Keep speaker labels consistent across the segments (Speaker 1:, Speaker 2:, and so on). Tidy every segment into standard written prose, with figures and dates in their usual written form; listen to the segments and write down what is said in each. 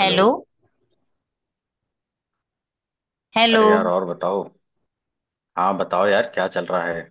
Speaker 1: Hello.
Speaker 2: Hello.
Speaker 1: अरे यार, और बताओ। हाँ बताओ यार, क्या चल रहा है।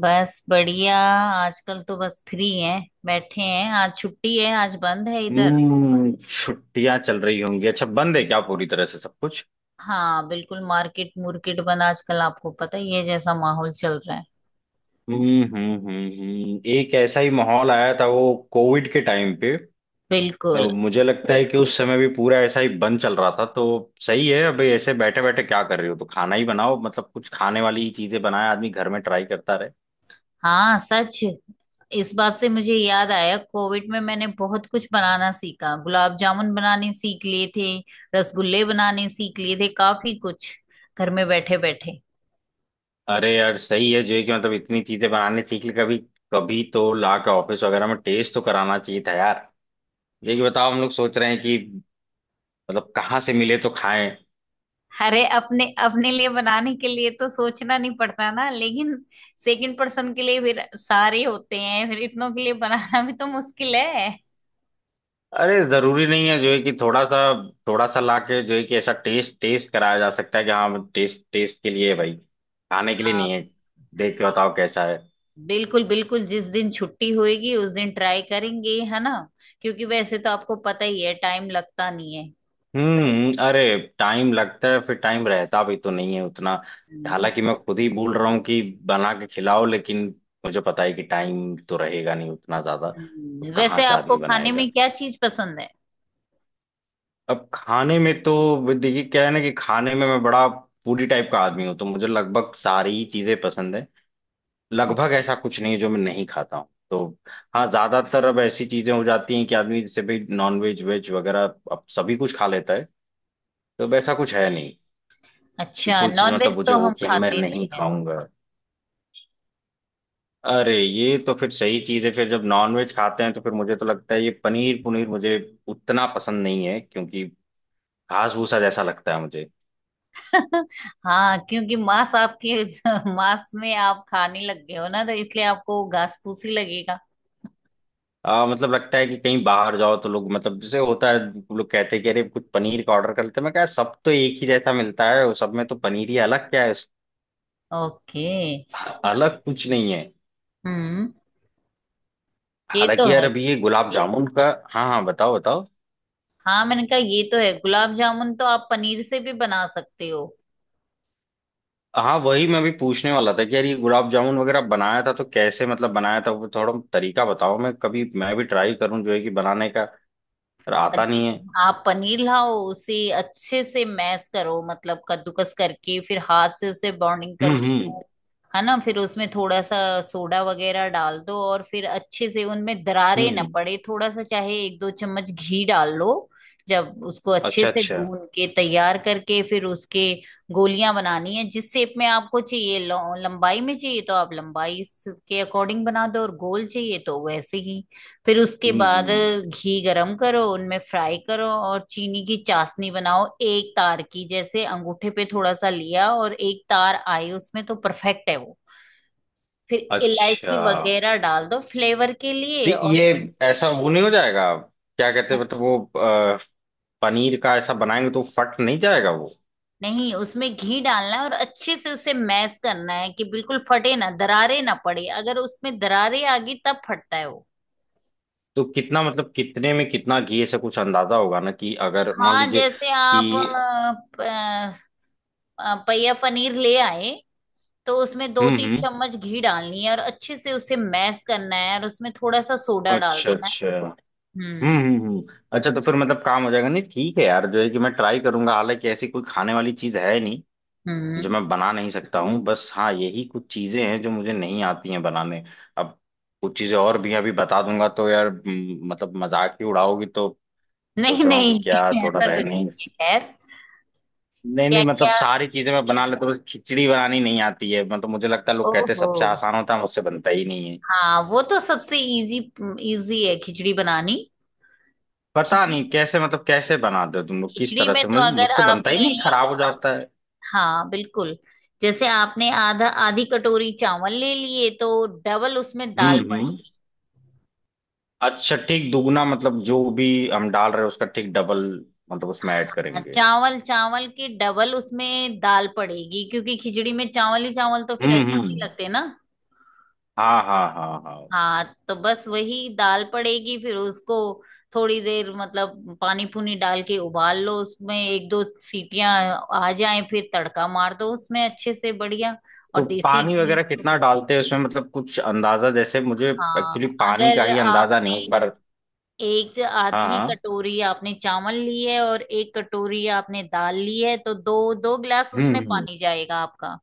Speaker 2: बस बढ़िया, आजकल तो बस फ्री हैं। बैठे हैं, आज छुट्टी है, आज बंद है इधर।
Speaker 1: छुट्टियां चल रही होंगी। अच्छा, बंद है क्या पूरी तरह से सब कुछ?
Speaker 2: हाँ बिल्कुल, मार्केट मुर्केट बंद आजकल, आपको पता ही है जैसा माहौल चल रहा है।
Speaker 1: एक ऐसा ही माहौल आया था वो कोविड के टाइम पे, तो
Speaker 2: बिल्कुल।
Speaker 1: मुझे लगता है कि उस समय भी पूरा ऐसा ही बंद चल रहा था, तो सही है। अभी ऐसे बैठे बैठे क्या कर रहे हो, तो खाना ही बनाओ, मतलब कुछ खाने वाली ही चीजें बनाए, आदमी घर में ट्राई करता रहे।
Speaker 2: हाँ सच, इस बात से मुझे याद आया, कोविड में मैंने बहुत कुछ बनाना सीखा, गुलाब जामुन बनाने सीख लिए थे, रसगुल्ले बनाने सीख लिए थे, काफी कुछ घर में बैठे बैठे।
Speaker 1: अरे यार, सही है जो है कि मतलब इतनी चीजें बनाने सीख ली, कभी कभी तो ला के ऑफिस वगैरह में टेस्ट तो कराना चाहिए था यार। देखिए बताओ, हम लोग सोच रहे हैं कि मतलब कहाँ से मिले तो खाएं।
Speaker 2: अरे अपने अपने लिए बनाने के लिए तो सोचना नहीं पड़ता ना, लेकिन सेकंड पर्सन के लिए फिर सारे होते हैं, फिर इतनों के लिए बनाना भी तो मुश्किल है।
Speaker 1: अरे, जरूरी नहीं है जो है कि थोड़ा सा लाके जो है कि ऐसा टेस्ट टेस्ट कराया जा सकता है कि हाँ, टेस्ट टेस्ट के लिए है भाई, खाने के लिए
Speaker 2: हाँ
Speaker 1: नहीं है। देख के बताओ कैसा है।
Speaker 2: बिल्कुल बिल्कुल जिस दिन छुट्टी होएगी उस दिन ट्राई करेंगे, है ना। क्योंकि वैसे तो आपको पता ही है, टाइम लगता नहीं है।
Speaker 1: अरे, टाइम लगता है, फिर टाइम रहता भी तो नहीं है उतना।
Speaker 2: हम्म।
Speaker 1: हालांकि मैं खुद ही बोल रहा हूँ कि बना के खिलाओ, लेकिन मुझे पता है कि टाइम तो रहेगा नहीं उतना ज्यादा। तो कहाँ
Speaker 2: वैसे
Speaker 1: से
Speaker 2: आपको
Speaker 1: आदमी
Speaker 2: खाने
Speaker 1: बनाएगा।
Speaker 2: में क्या चीज पसंद है?
Speaker 1: अब खाने में तो देखिए क्या है ना, कि खाने में मैं बड़ा फूडी टाइप का आदमी हूँ, तो मुझे लगभग सारी ही चीजें पसंद है। लगभग
Speaker 2: ओके।
Speaker 1: ऐसा कुछ नहीं है जो मैं नहीं खाता हूँ, तो हाँ, ज्यादातर अब ऐसी चीजें हो जाती हैं कि आदमी जैसे भाई नॉन वेज वेज वगैरह अब सभी कुछ खा लेता है, तो अब ऐसा कुछ है नहीं कि
Speaker 2: अच्छा
Speaker 1: कोई चीज मतलब
Speaker 2: नॉनवेज
Speaker 1: मुझे
Speaker 2: तो
Speaker 1: हो
Speaker 2: हम
Speaker 1: कि मैं
Speaker 2: खाते नहीं।
Speaker 1: नहीं खाऊंगा। अरे ये तो फिर सही चीज है, फिर जब नॉन वेज खाते हैं तो फिर मुझे तो लगता है ये पनीर पुनीर मुझे उतना पसंद नहीं है, क्योंकि घास भूसा जैसा लगता है मुझे।
Speaker 2: हाँ, क्योंकि मांस आपके मांस में आप खाने लग गए हो ना, तो इसलिए आपको घास फूसी लगेगा।
Speaker 1: मतलब लगता है कि कहीं बाहर जाओ तो लोग मतलब जैसे होता है, लोग कहते हैं कि अरे कुछ पनीर का ऑर्डर कर लेते हैं, मैं कहा सब तो एक ही जैसा मिलता है, वो सब में तो पनीर ही अलग क्या है,
Speaker 2: ओके।
Speaker 1: अलग कुछ नहीं है।
Speaker 2: हम्म। ये तो
Speaker 1: हालांकि यार,
Speaker 2: है।
Speaker 1: अभी ये गुलाब जामुन का। हाँ हाँ, बताओ बताओ।
Speaker 2: हाँ मैंने कहा ये तो है, गुलाब जामुन तो आप पनीर से भी बना सकते हो।
Speaker 1: हाँ वही मैं भी पूछने वाला था कि यार ये गुलाब जामुन वगैरह बनाया था तो कैसे, मतलब बनाया था वो थोड़ा तरीका बताओ, मैं कभी मैं भी ट्राई करूँ जो है कि बनाने का, पर आता नहीं है।
Speaker 2: पनीर, आप पनीर लाओ, उसे अच्छे से मैश करो, मतलब कद्दूकस करके, फिर हाथ से उसे बॉन्डिंग
Speaker 1: हम्म
Speaker 2: करके,
Speaker 1: हम्म
Speaker 2: वो, है ना, फिर उसमें थोड़ा सा सोडा वगैरह डाल दो, और फिर अच्छे से उनमें दरारे ना
Speaker 1: हम्म।
Speaker 2: पड़े, थोड़ा सा चाहे एक दो चम्मच घी डाल लो। जब उसको अच्छे
Speaker 1: अच्छा
Speaker 2: से
Speaker 1: अच्छा।
Speaker 2: गून के तैयार करके, फिर उसके गोलियां बनानी है, जिस शेप में आपको चाहिए, लंबाई में चाहिए तो आप लंबाई के अकॉर्डिंग बना दो, और गोल चाहिए तो वैसे ही। फिर उसके बाद
Speaker 1: हम्म।
Speaker 2: घी गरम करो, उनमें फ्राई करो, और चीनी की चाशनी बनाओ एक तार की, जैसे अंगूठे पे थोड़ा सा लिया और एक तार आई उसमें तो परफेक्ट है वो। फिर इलायची
Speaker 1: अच्छा।
Speaker 2: वगैरह डाल दो फ्लेवर के लिए,
Speaker 1: जी,
Speaker 2: और
Speaker 1: ये ऐसा वो नहीं हो जाएगा? क्या कहते हैं,
Speaker 2: फिर-
Speaker 1: मतलब वो पनीर का ऐसा बनाएंगे तो फट नहीं जाएगा वो?
Speaker 2: नहीं, उसमें घी डालना है और अच्छे से उसे मैश करना है कि बिल्कुल फटे ना, दरारे ना पड़े, अगर उसमें दरारे आ गई तब फटता है वो।
Speaker 1: तो कितना, मतलब कितने में कितना घी ऐसा कुछ अंदाजा होगा ना, कि अगर मान
Speaker 2: हाँ,
Speaker 1: लीजिए
Speaker 2: जैसे आप
Speaker 1: कि,
Speaker 2: पहिया पनीर ले आए तो उसमें दो तीन
Speaker 1: हम्म।
Speaker 2: चम्मच घी डालनी है, और अच्छे से उसे मैश करना है, और उसमें थोड़ा सा सोडा डाल
Speaker 1: अच्छा
Speaker 2: देना है।
Speaker 1: अच्छा।
Speaker 2: हम्म
Speaker 1: हम्म। अच्छा, तो फिर मतलब काम हो जाएगा। नहीं, ठीक है यार जो है कि मैं ट्राई करूंगा। हालांकि ऐसी कोई खाने वाली चीज है नहीं
Speaker 2: हम्म
Speaker 1: जो मैं बना नहीं सकता हूँ, बस हाँ यही कुछ चीजें हैं जो मुझे नहीं आती हैं बनाने। अब कुछ चीजें और भी अभी बता दूंगा तो यार, मतलब मजाक ही उड़ाओगी, तो
Speaker 2: नहीं
Speaker 1: सोच रहा हूँ कि
Speaker 2: नहीं,
Speaker 1: क्या थोड़ा
Speaker 2: ऐसा कुछ
Speaker 1: रहनी।
Speaker 2: नहीं है, खैर।
Speaker 1: नहीं
Speaker 2: क्या
Speaker 1: नहीं, मतलब
Speaker 2: क्या।
Speaker 1: सारी चीजें मैं बना लेता हूँ, बस खिचड़ी बनानी नहीं आती है, मतलब मुझे लगता है लोग कहते हैं
Speaker 2: ओहो।
Speaker 1: सबसे आसान होता है, मुझसे बनता ही नहीं है।
Speaker 2: हाँ, वो तो सबसे इजी, इजी है खिचड़ी बनानी।
Speaker 1: पता
Speaker 2: खिचड़ी,
Speaker 1: नहीं कैसे, मतलब कैसे बनाते हो तुम लोग किस
Speaker 2: खिचड़ी
Speaker 1: तरह
Speaker 2: में
Speaker 1: से,
Speaker 2: तो, अगर
Speaker 1: मुझसे बनता ही
Speaker 2: आपने,
Speaker 1: नहीं, खराब हो जाता है।
Speaker 2: हाँ बिल्कुल, जैसे आपने आधा, आधी कटोरी चावल ले लिए तो डबल उसमें दाल।
Speaker 1: हम्म। अच्छा, ठीक दुगना, मतलब जो भी हम डाल रहे हैं उसका ठीक डबल, मतलब उसमें ऐड
Speaker 2: हाँ,
Speaker 1: करेंगे।
Speaker 2: चावल चावल की डबल उसमें दाल पड़ेगी, क्योंकि खिचड़ी में चावल ही चावल तो फिर अच्छे नहीं
Speaker 1: हम्म।
Speaker 2: लगते ना।
Speaker 1: हाँ हाँ हाँ हाँ।
Speaker 2: हाँ, तो बस वही दाल पड़ेगी, फिर उसको थोड़ी देर, मतलब पानी पूनी डाल के उबाल लो, उसमें एक दो सीटियां आ जाएं, फिर तड़का मार दो उसमें अच्छे से बढ़िया,
Speaker 1: तो
Speaker 2: और देसी
Speaker 1: पानी
Speaker 2: घी।
Speaker 1: वगैरह कितना डालते हैं उसमें, मतलब कुछ अंदाजा जैसे मुझे, एक्चुअली
Speaker 2: हाँ
Speaker 1: पानी का
Speaker 2: अगर
Speaker 1: ही अंदाजा नहीं
Speaker 2: आपने
Speaker 1: है एक बार।
Speaker 2: एक
Speaker 1: हाँ
Speaker 2: आधी
Speaker 1: हाँ।
Speaker 2: कटोरी आपने चावल ली है और एक कटोरी आपने दाल ली है तो दो दो गिलास उसमें
Speaker 1: हम्म।
Speaker 2: पानी जाएगा आपका।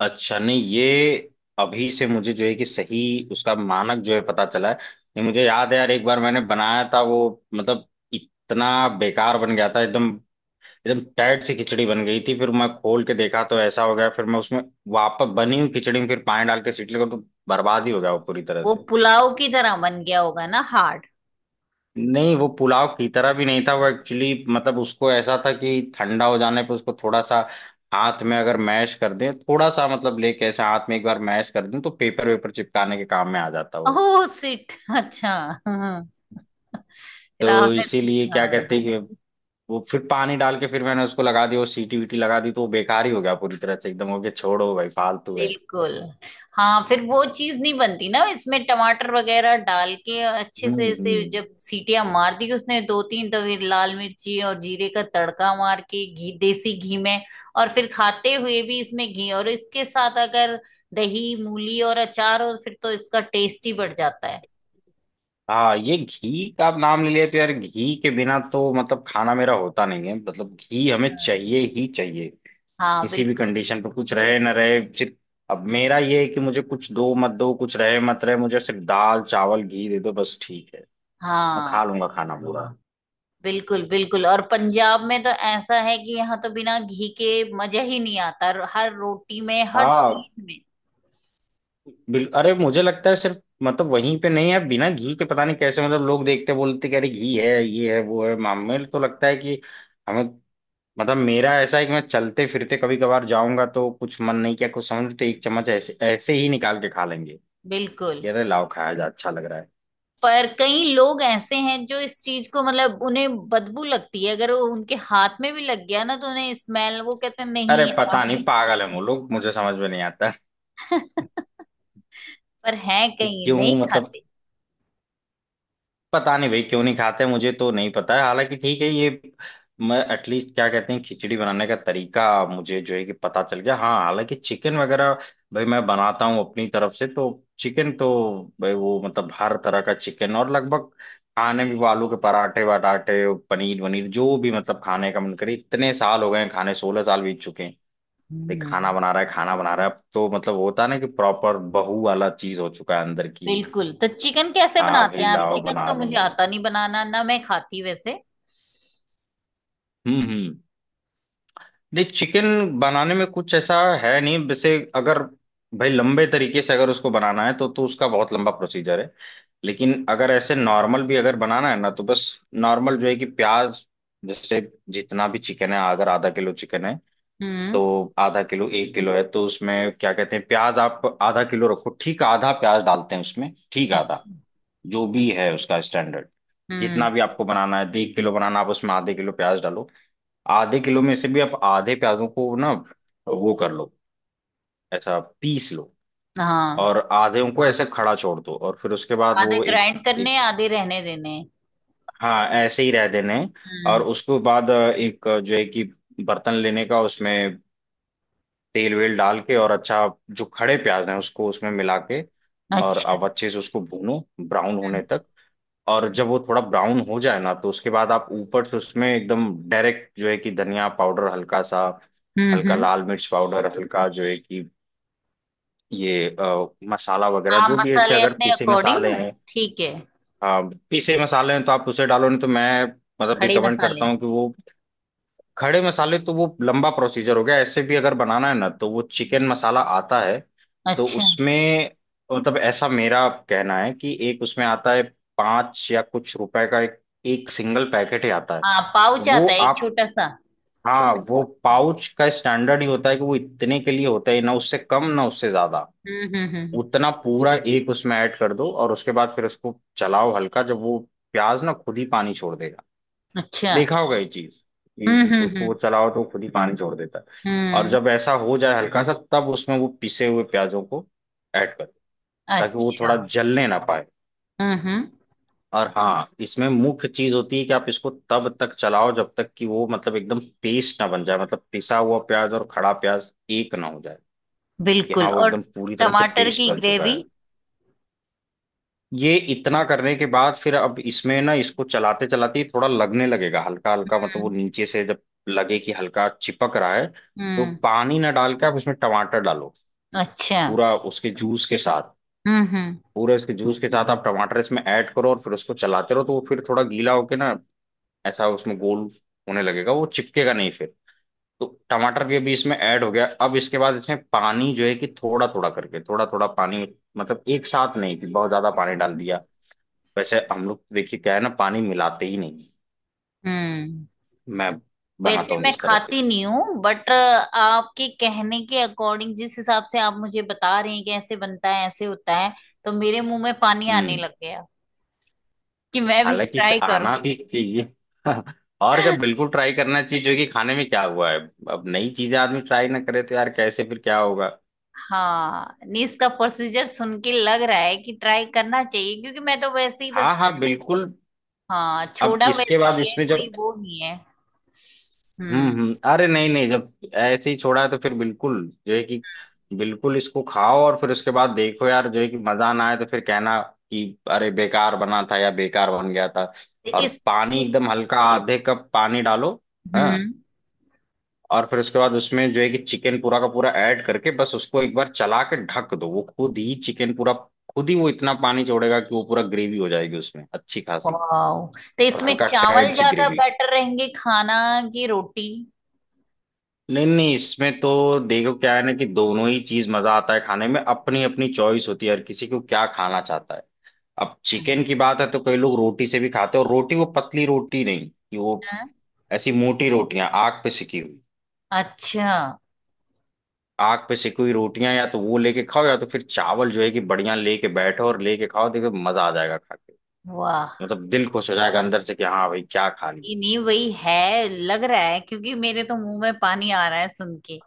Speaker 1: अच्छा, नहीं ये अभी से मुझे जो है कि सही उसका मानक जो है पता चला है। ये मुझे याद है यार, एक बार मैंने बनाया था वो, मतलब इतना बेकार बन गया था एकदम। एकदम टाइट सी खिचड़ी बन गई थी, फिर मैं खोल के देखा तो ऐसा हो गया, फिर मैं उसमें वापस बनी हुई खिचड़ी में फिर पानी डाल के सीटी लगा तो बर्बाद ही हो गया वो पूरी तरह
Speaker 2: वो
Speaker 1: से।
Speaker 2: पुलाव की तरह बन गया होगा ना, हार्ड।
Speaker 1: नहीं वो पुलाव की तरह भी नहीं था, वो एक्चुअली मतलब उसको ऐसा था कि ठंडा हो जाने पर उसको थोड़ा सा हाथ में अगर मैश कर दें, थोड़ा सा मतलब लेके ऐसे हाथ में एक बार मैश कर दें, तो पेपर वेपर चिपकाने के काम में आ जाता वो।
Speaker 2: ओह सिट। अच्छा। हाँ, फिर
Speaker 1: तो
Speaker 2: आपने,
Speaker 1: इसीलिए क्या
Speaker 2: हाँ
Speaker 1: कहते हैं कि वो फिर पानी डाल के फिर मैंने उसको लगा दिया, वो सीटी वीटी लगा दी तो वो बेकार ही हो गया पूरी तरह से, एकदम हो गया। छोड़ो भाई, फालतू है।
Speaker 2: बिल्कुल। हाँ फिर वो चीज नहीं बनती ना, इसमें टमाटर वगैरह डाल के अच्छे से, इसे
Speaker 1: हम्म।
Speaker 2: जब सीटियां मार दी उसने दो तीन, तो फिर लाल मिर्ची और जीरे का तड़का मार के घी, देसी घी में। और फिर खाते हुए भी इसमें घी, और इसके साथ अगर दही मूली और अचार हो, फिर तो इसका टेस्ट ही बढ़ जाता है।
Speaker 1: हाँ ये घी का आप नाम ले लिया तो यार, घी के बिना तो मतलब खाना मेरा होता नहीं है, मतलब घी हमें चाहिए
Speaker 2: हम्म,
Speaker 1: ही चाहिए।
Speaker 2: हाँ
Speaker 1: किसी भी
Speaker 2: बिल्कुल।
Speaker 1: कंडीशन पे कुछ रहे ना रहे सिर्फ, अब मेरा ये है कि मुझे कुछ दो मत दो, कुछ रहे मत रहे, मुझे सिर्फ दाल चावल घी दे दो बस, ठीक है। मैं खा
Speaker 2: हाँ
Speaker 1: लूंगा खाना पूरा।
Speaker 2: बिल्कुल बिल्कुल और पंजाब में तो ऐसा है कि यहाँ तो बिना घी के मजा ही नहीं आता, हर रोटी में, हर चीज
Speaker 1: हाँ
Speaker 2: में।
Speaker 1: बिल अरे, मुझे लगता है सिर्फ मतलब वहीं पे नहीं है बिना घी के, पता नहीं कैसे मतलब लोग देखते बोलते कि अरे घी है ये है वो है, मामे तो लगता है कि हमें, मतलब मेरा ऐसा है कि मैं चलते फिरते कभी कभार जाऊंगा तो कुछ मन नहीं किया कुछ समझ तो एक चम्मच ऐसे ऐसे ही निकाल के खा लेंगे,
Speaker 2: बिल्कुल।
Speaker 1: कि अरे लाओ खाया जा, अच्छा लग रहा है।
Speaker 2: पर कई लोग ऐसे हैं जो इस चीज को, मतलब उन्हें बदबू लगती है, अगर वो उनके हाथ में भी लग गया ना तो उन्हें स्मेल, वो कहते हैं
Speaker 1: अरे
Speaker 2: नहीं यार
Speaker 1: पता
Speaker 2: हमें।
Speaker 1: नहीं, पागल है वो लोग, मुझे समझ में नहीं आता
Speaker 2: पर है,
Speaker 1: कि
Speaker 2: कई
Speaker 1: क्यों,
Speaker 2: नहीं
Speaker 1: मतलब
Speaker 2: खाते।
Speaker 1: पता नहीं भाई क्यों नहीं खाते, मुझे तो नहीं पता है, हालांकि ठीक है ये। मैं एटलीस्ट क्या कहते हैं, खिचड़ी बनाने का तरीका मुझे जो है कि पता चल गया। हाँ हालांकि चिकन वगैरह भाई मैं बनाता हूँ अपनी तरफ से, तो चिकन तो भाई वो मतलब हर तरह का चिकन और लगभग खाने में वो आलू के पराठे वराठे पनीर वनीर जो भी मतलब खाने का मन करे, इतने साल हो गए हैं खाने, 16 साल बीत चुके हैं। भाई
Speaker 2: हम्म।
Speaker 1: खाना बना रहा है, खाना बना रहा है, अब तो मतलब होता है ना कि प्रॉपर बहू वाला चीज हो चुका है अंदर की।
Speaker 2: बिल्कुल, तो चिकन कैसे
Speaker 1: हाँ
Speaker 2: बनाते
Speaker 1: भाई
Speaker 2: हैं आप?
Speaker 1: लाओ
Speaker 2: चिकन
Speaker 1: बना
Speaker 2: तो मुझे
Speaker 1: देंगे।
Speaker 2: आता नहीं बनाना ना, मैं खाती वैसे।
Speaker 1: हम्म। नहीं चिकन बनाने में कुछ ऐसा है नहीं वैसे, अगर भाई लंबे तरीके से अगर उसको बनाना है तो उसका बहुत लंबा प्रोसीजर है। लेकिन अगर ऐसे नॉर्मल भी अगर बनाना है ना, तो बस नॉर्मल जो है कि प्याज, जैसे जितना भी चिकन है, अगर आधा किलो चिकन है
Speaker 2: हम्म।
Speaker 1: तो आधा किलो, एक किलो है तो उसमें क्या कहते हैं प्याज आप आधा किलो रखो, ठीक आधा प्याज डालते हैं उसमें, ठीक आधा,
Speaker 2: अच्छा।
Speaker 1: जो भी है उसका स्टैंडर्ड।
Speaker 2: हम्म।
Speaker 1: जितना भी आपको बनाना है, आधे किलो बनाना आप उसमें आधे किलो प्याज डालो। आधे किलो में से भी आप आधे प्याजों को ना वो कर लो, ऐसा पीस लो,
Speaker 2: हाँ,
Speaker 1: और आधे उनको ऐसे खड़ा छोड़ दो, और फिर उसके बाद
Speaker 2: आधे
Speaker 1: वो एक
Speaker 2: ग्राइंड करने
Speaker 1: एक।
Speaker 2: हैं, आधे रहने देने हैं।
Speaker 1: हाँ ऐसे ही रह देने। और
Speaker 2: हम्म।
Speaker 1: उसके बाद एक जो है कि बर्तन लेने का, उसमें तेल वेल डाल के, और अच्छा जो खड़े प्याज हैं उसको उसमें मिला के, और
Speaker 2: अच्छा।
Speaker 1: अब अच्छे से उसको भूनो ब्राउन होने
Speaker 2: हम्म
Speaker 1: तक। और जब वो थोड़ा ब्राउन हो जाए ना, तो उसके बाद आप ऊपर से उसमें एकदम डायरेक्ट जो है कि धनिया पाउडर हल्का सा,
Speaker 2: हम्म
Speaker 1: हल्का
Speaker 2: हम्म।
Speaker 1: लाल मिर्च पाउडर हल्का, जो है कि ये मसाला वगैरह
Speaker 2: हाँ,
Speaker 1: जो भी है, जैसे
Speaker 2: मसाले
Speaker 1: अगर
Speaker 2: अपने
Speaker 1: पीसे
Speaker 2: अकॉर्डिंग,
Speaker 1: मसाले हैं,
Speaker 2: ठीक है।
Speaker 1: अ, पीसे मसाले हैं तो आप उसे डालो, नहीं तो मैं मतलब
Speaker 2: खड़े
Speaker 1: रिकमेंड करता
Speaker 2: मसाले।
Speaker 1: हूँ कि वो खड़े मसाले तो वो लंबा प्रोसीजर हो गया, ऐसे भी अगर बनाना है ना तो वो चिकन मसाला आता है। तो
Speaker 2: अच्छा।
Speaker 1: उसमें मतलब ऐसा मेरा कहना है कि एक उसमें आता है पाँच या कुछ रुपए का, एक, एक सिंगल पैकेट ही आता है।
Speaker 2: हाँ
Speaker 1: तो
Speaker 2: पाउच
Speaker 1: वो
Speaker 2: आता है एक
Speaker 1: आप,
Speaker 2: छोटा सा।
Speaker 1: हाँ वो पाउच का स्टैंडर्ड ही होता है कि वो इतने के लिए होता है, ना उससे कम ना उससे ज्यादा।
Speaker 2: हम्म हम्म हम्म
Speaker 1: उतना पूरा एक उसमें ऐड कर दो और उसके बाद फिर उसको चलाओ हल्का, जब वो प्याज ना खुद ही पानी छोड़ देगा,
Speaker 2: अच्छा।
Speaker 1: देखा होगा ये चीज कि
Speaker 2: हम्म हम्म
Speaker 1: उसको वो
Speaker 2: हम्म
Speaker 1: चलाओ तो खुद ही पानी छोड़ देता है। और
Speaker 2: हम्म
Speaker 1: जब ऐसा हो जाए हल्का सा तब उसमें वो पिसे हुए प्याजों को ऐड करो, ताकि वो
Speaker 2: अच्छा।
Speaker 1: थोड़ा जलने ना पाए।
Speaker 2: हम्म हम्म
Speaker 1: और हाँ इसमें मुख्य चीज होती है कि आप इसको तब तक चलाओ जब तक कि वो मतलब एकदम पेस्ट ना बन जाए, मतलब पिसा हुआ प्याज और खड़ा प्याज एक ना हो जाए, कि
Speaker 2: बिल्कुल
Speaker 1: हाँ वो
Speaker 2: और
Speaker 1: एकदम पूरी तरह से
Speaker 2: टमाटर
Speaker 1: पेस्ट
Speaker 2: की
Speaker 1: बन चुका
Speaker 2: ग्रेवी।
Speaker 1: है। ये इतना करने के बाद फिर अब इसमें ना, इसको चलाते चलाते थोड़ा लगने लगेगा हल्का हल्का, मतलब वो
Speaker 2: हम्म
Speaker 1: नीचे से जब लगे कि हल्का चिपक रहा है, तो
Speaker 2: हम्म
Speaker 1: पानी ना डाल के आप इसमें टमाटर डालो।
Speaker 2: अच्छा।
Speaker 1: पूरा उसके जूस के साथ,
Speaker 2: हम्म हम्म
Speaker 1: पूरे उसके जूस के साथ आप टमाटर इसमें ऐड करो, और फिर उसको चलाते रहो तो वो फिर थोड़ा गीला होके ना ऐसा उसमें गोल होने लगेगा, वो चिपकेगा नहीं फिर। तो टमाटर भी अभी इसमें ऐड हो गया, अब इसके बाद इसमें पानी जो है कि थोड़ा थोड़ा करके थोड़ा थोड़ा पानी, मतलब एक साथ नहीं कि बहुत ज्यादा पानी डाल
Speaker 2: हम्म
Speaker 1: दिया। वैसे हम लोग देखिए क्या है ना, पानी मिलाते ही नहीं
Speaker 2: हम्म।
Speaker 1: मैं बनाता
Speaker 2: वैसे
Speaker 1: हूँ
Speaker 2: मैं
Speaker 1: जिस तरह से।
Speaker 2: खाती नहीं हूँ, बट आपके कहने के अकॉर्डिंग, जिस हिसाब से आप मुझे बता रहे हैं कि ऐसे बनता है ऐसे होता है, तो मेरे मुंह में पानी आने
Speaker 1: हम्म।
Speaker 2: लग गया कि मैं भी
Speaker 1: हालांकि इसे
Speaker 2: ट्राई करूं।
Speaker 1: आना भी चाहिए। और क्या, बिल्कुल ट्राई करना चाहिए, जो कि खाने में क्या हुआ है। अब नई चीजें आदमी ट्राई ना करे तो यार कैसे, फिर क्या होगा।
Speaker 2: हाँ नहीं, इसका प्रोसीजर सुन के लग रहा है कि ट्राई करना चाहिए, क्योंकि मैं तो वैसे ही
Speaker 1: हाँ
Speaker 2: बस,
Speaker 1: हाँ बिल्कुल।
Speaker 2: हाँ
Speaker 1: अब
Speaker 2: छोड़ा
Speaker 1: इसके
Speaker 2: वैसे
Speaker 1: बाद
Speaker 2: ही है,
Speaker 1: इसमें
Speaker 2: कोई
Speaker 1: जब,
Speaker 2: वो नहीं है। हम्म।
Speaker 1: हम्म। अरे नहीं नहीं, जब ऐसे ही छोड़ा है तो फिर बिल्कुल जो है कि बिल्कुल इसको खाओ और फिर उसके बाद देखो यार जो है कि मजा ना आए तो फिर कहना कि अरे बेकार बना था या बेकार बन गया था।
Speaker 2: तो
Speaker 1: और पानी
Speaker 2: इस
Speaker 1: एकदम हल्का, आधे कप पानी डालो। हाँ,
Speaker 2: हम्म।
Speaker 1: और फिर उसके बाद उसमें जो है कि चिकन पूरा का पूरा ऐड करके बस उसको एक बार चला के ढक दो, वो खुद ही चिकन पूरा, खुद ही वो इतना पानी छोड़ेगा कि वो पूरा ग्रेवी हो जाएगी उसमें अच्छी खासी।
Speaker 2: वाओ। तो
Speaker 1: और
Speaker 2: इसमें
Speaker 1: हल्का टाइट
Speaker 2: चावल
Speaker 1: सी
Speaker 2: ज्यादा
Speaker 1: ग्रेवी।
Speaker 2: बेटर रहेंगे खाना की रोटी?
Speaker 1: नहीं नहीं, इसमें तो देखो क्या है ना कि दोनों ही चीज मजा आता है खाने में, अपनी अपनी चॉइस होती है हर किसी को क्या खाना चाहता है। अब चिकन की बात है तो कई लोग रोटी से भी खाते हैं, और रोटी वो पतली रोटी नहीं, कि वो
Speaker 2: हाँ।
Speaker 1: ऐसी मोटी रोटियां आग पे सिकी हुई,
Speaker 2: अच्छा।
Speaker 1: आग पे सिकी हुई रोटियां या तो वो लेके खाओ, या तो फिर चावल जो है कि बढ़िया लेके बैठो और लेके खाओ, देखो मजा आ जाएगा खा के।
Speaker 2: वाह।
Speaker 1: मतलब दिल खुश हो जाएगा अंदर से कि हाँ भाई क्या खा
Speaker 2: ये
Speaker 1: लिया।
Speaker 2: नहीं वही है लग रहा है, क्योंकि मेरे तो मुंह में पानी आ रहा है सुन के।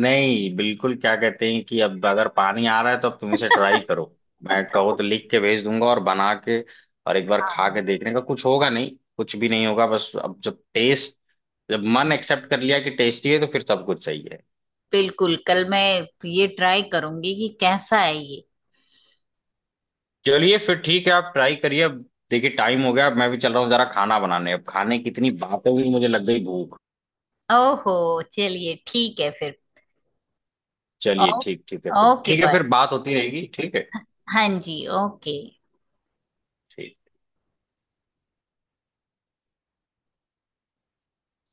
Speaker 1: नहीं बिल्कुल, क्या कहते हैं कि अब अगर पानी आ रहा है तो अब तुम इसे ट्राई करो, मैं कहो तो लिख के भेज दूंगा और बना के, और एक बार खा
Speaker 2: हाँ
Speaker 1: के देखने का कुछ होगा नहीं, कुछ भी नहीं होगा बस, अब जब टेस्ट, जब मन एक्सेप्ट कर लिया कि टेस्टी है तो फिर सब कुछ सही है।
Speaker 2: बिल्कुल, कल मैं ये ट्राई करूंगी कि कैसा है ये।
Speaker 1: चलिए फिर ठीक है, आप ट्राई करिए। अब देखिए टाइम हो गया, अब मैं भी चल रहा हूँ जरा खाना बनाने, अब खाने की इतनी बातें हुई मुझे लग गई भूख।
Speaker 2: ओहो, चलिए ठीक है फिर।
Speaker 1: चलिए
Speaker 2: ओ,
Speaker 1: ठीक, ठीक है फिर,
Speaker 2: ओके
Speaker 1: ठीक है
Speaker 2: बाय।
Speaker 1: फिर बात होती रहेगी, ठीक है।
Speaker 2: हाँ जी, ओके।
Speaker 1: ठीक।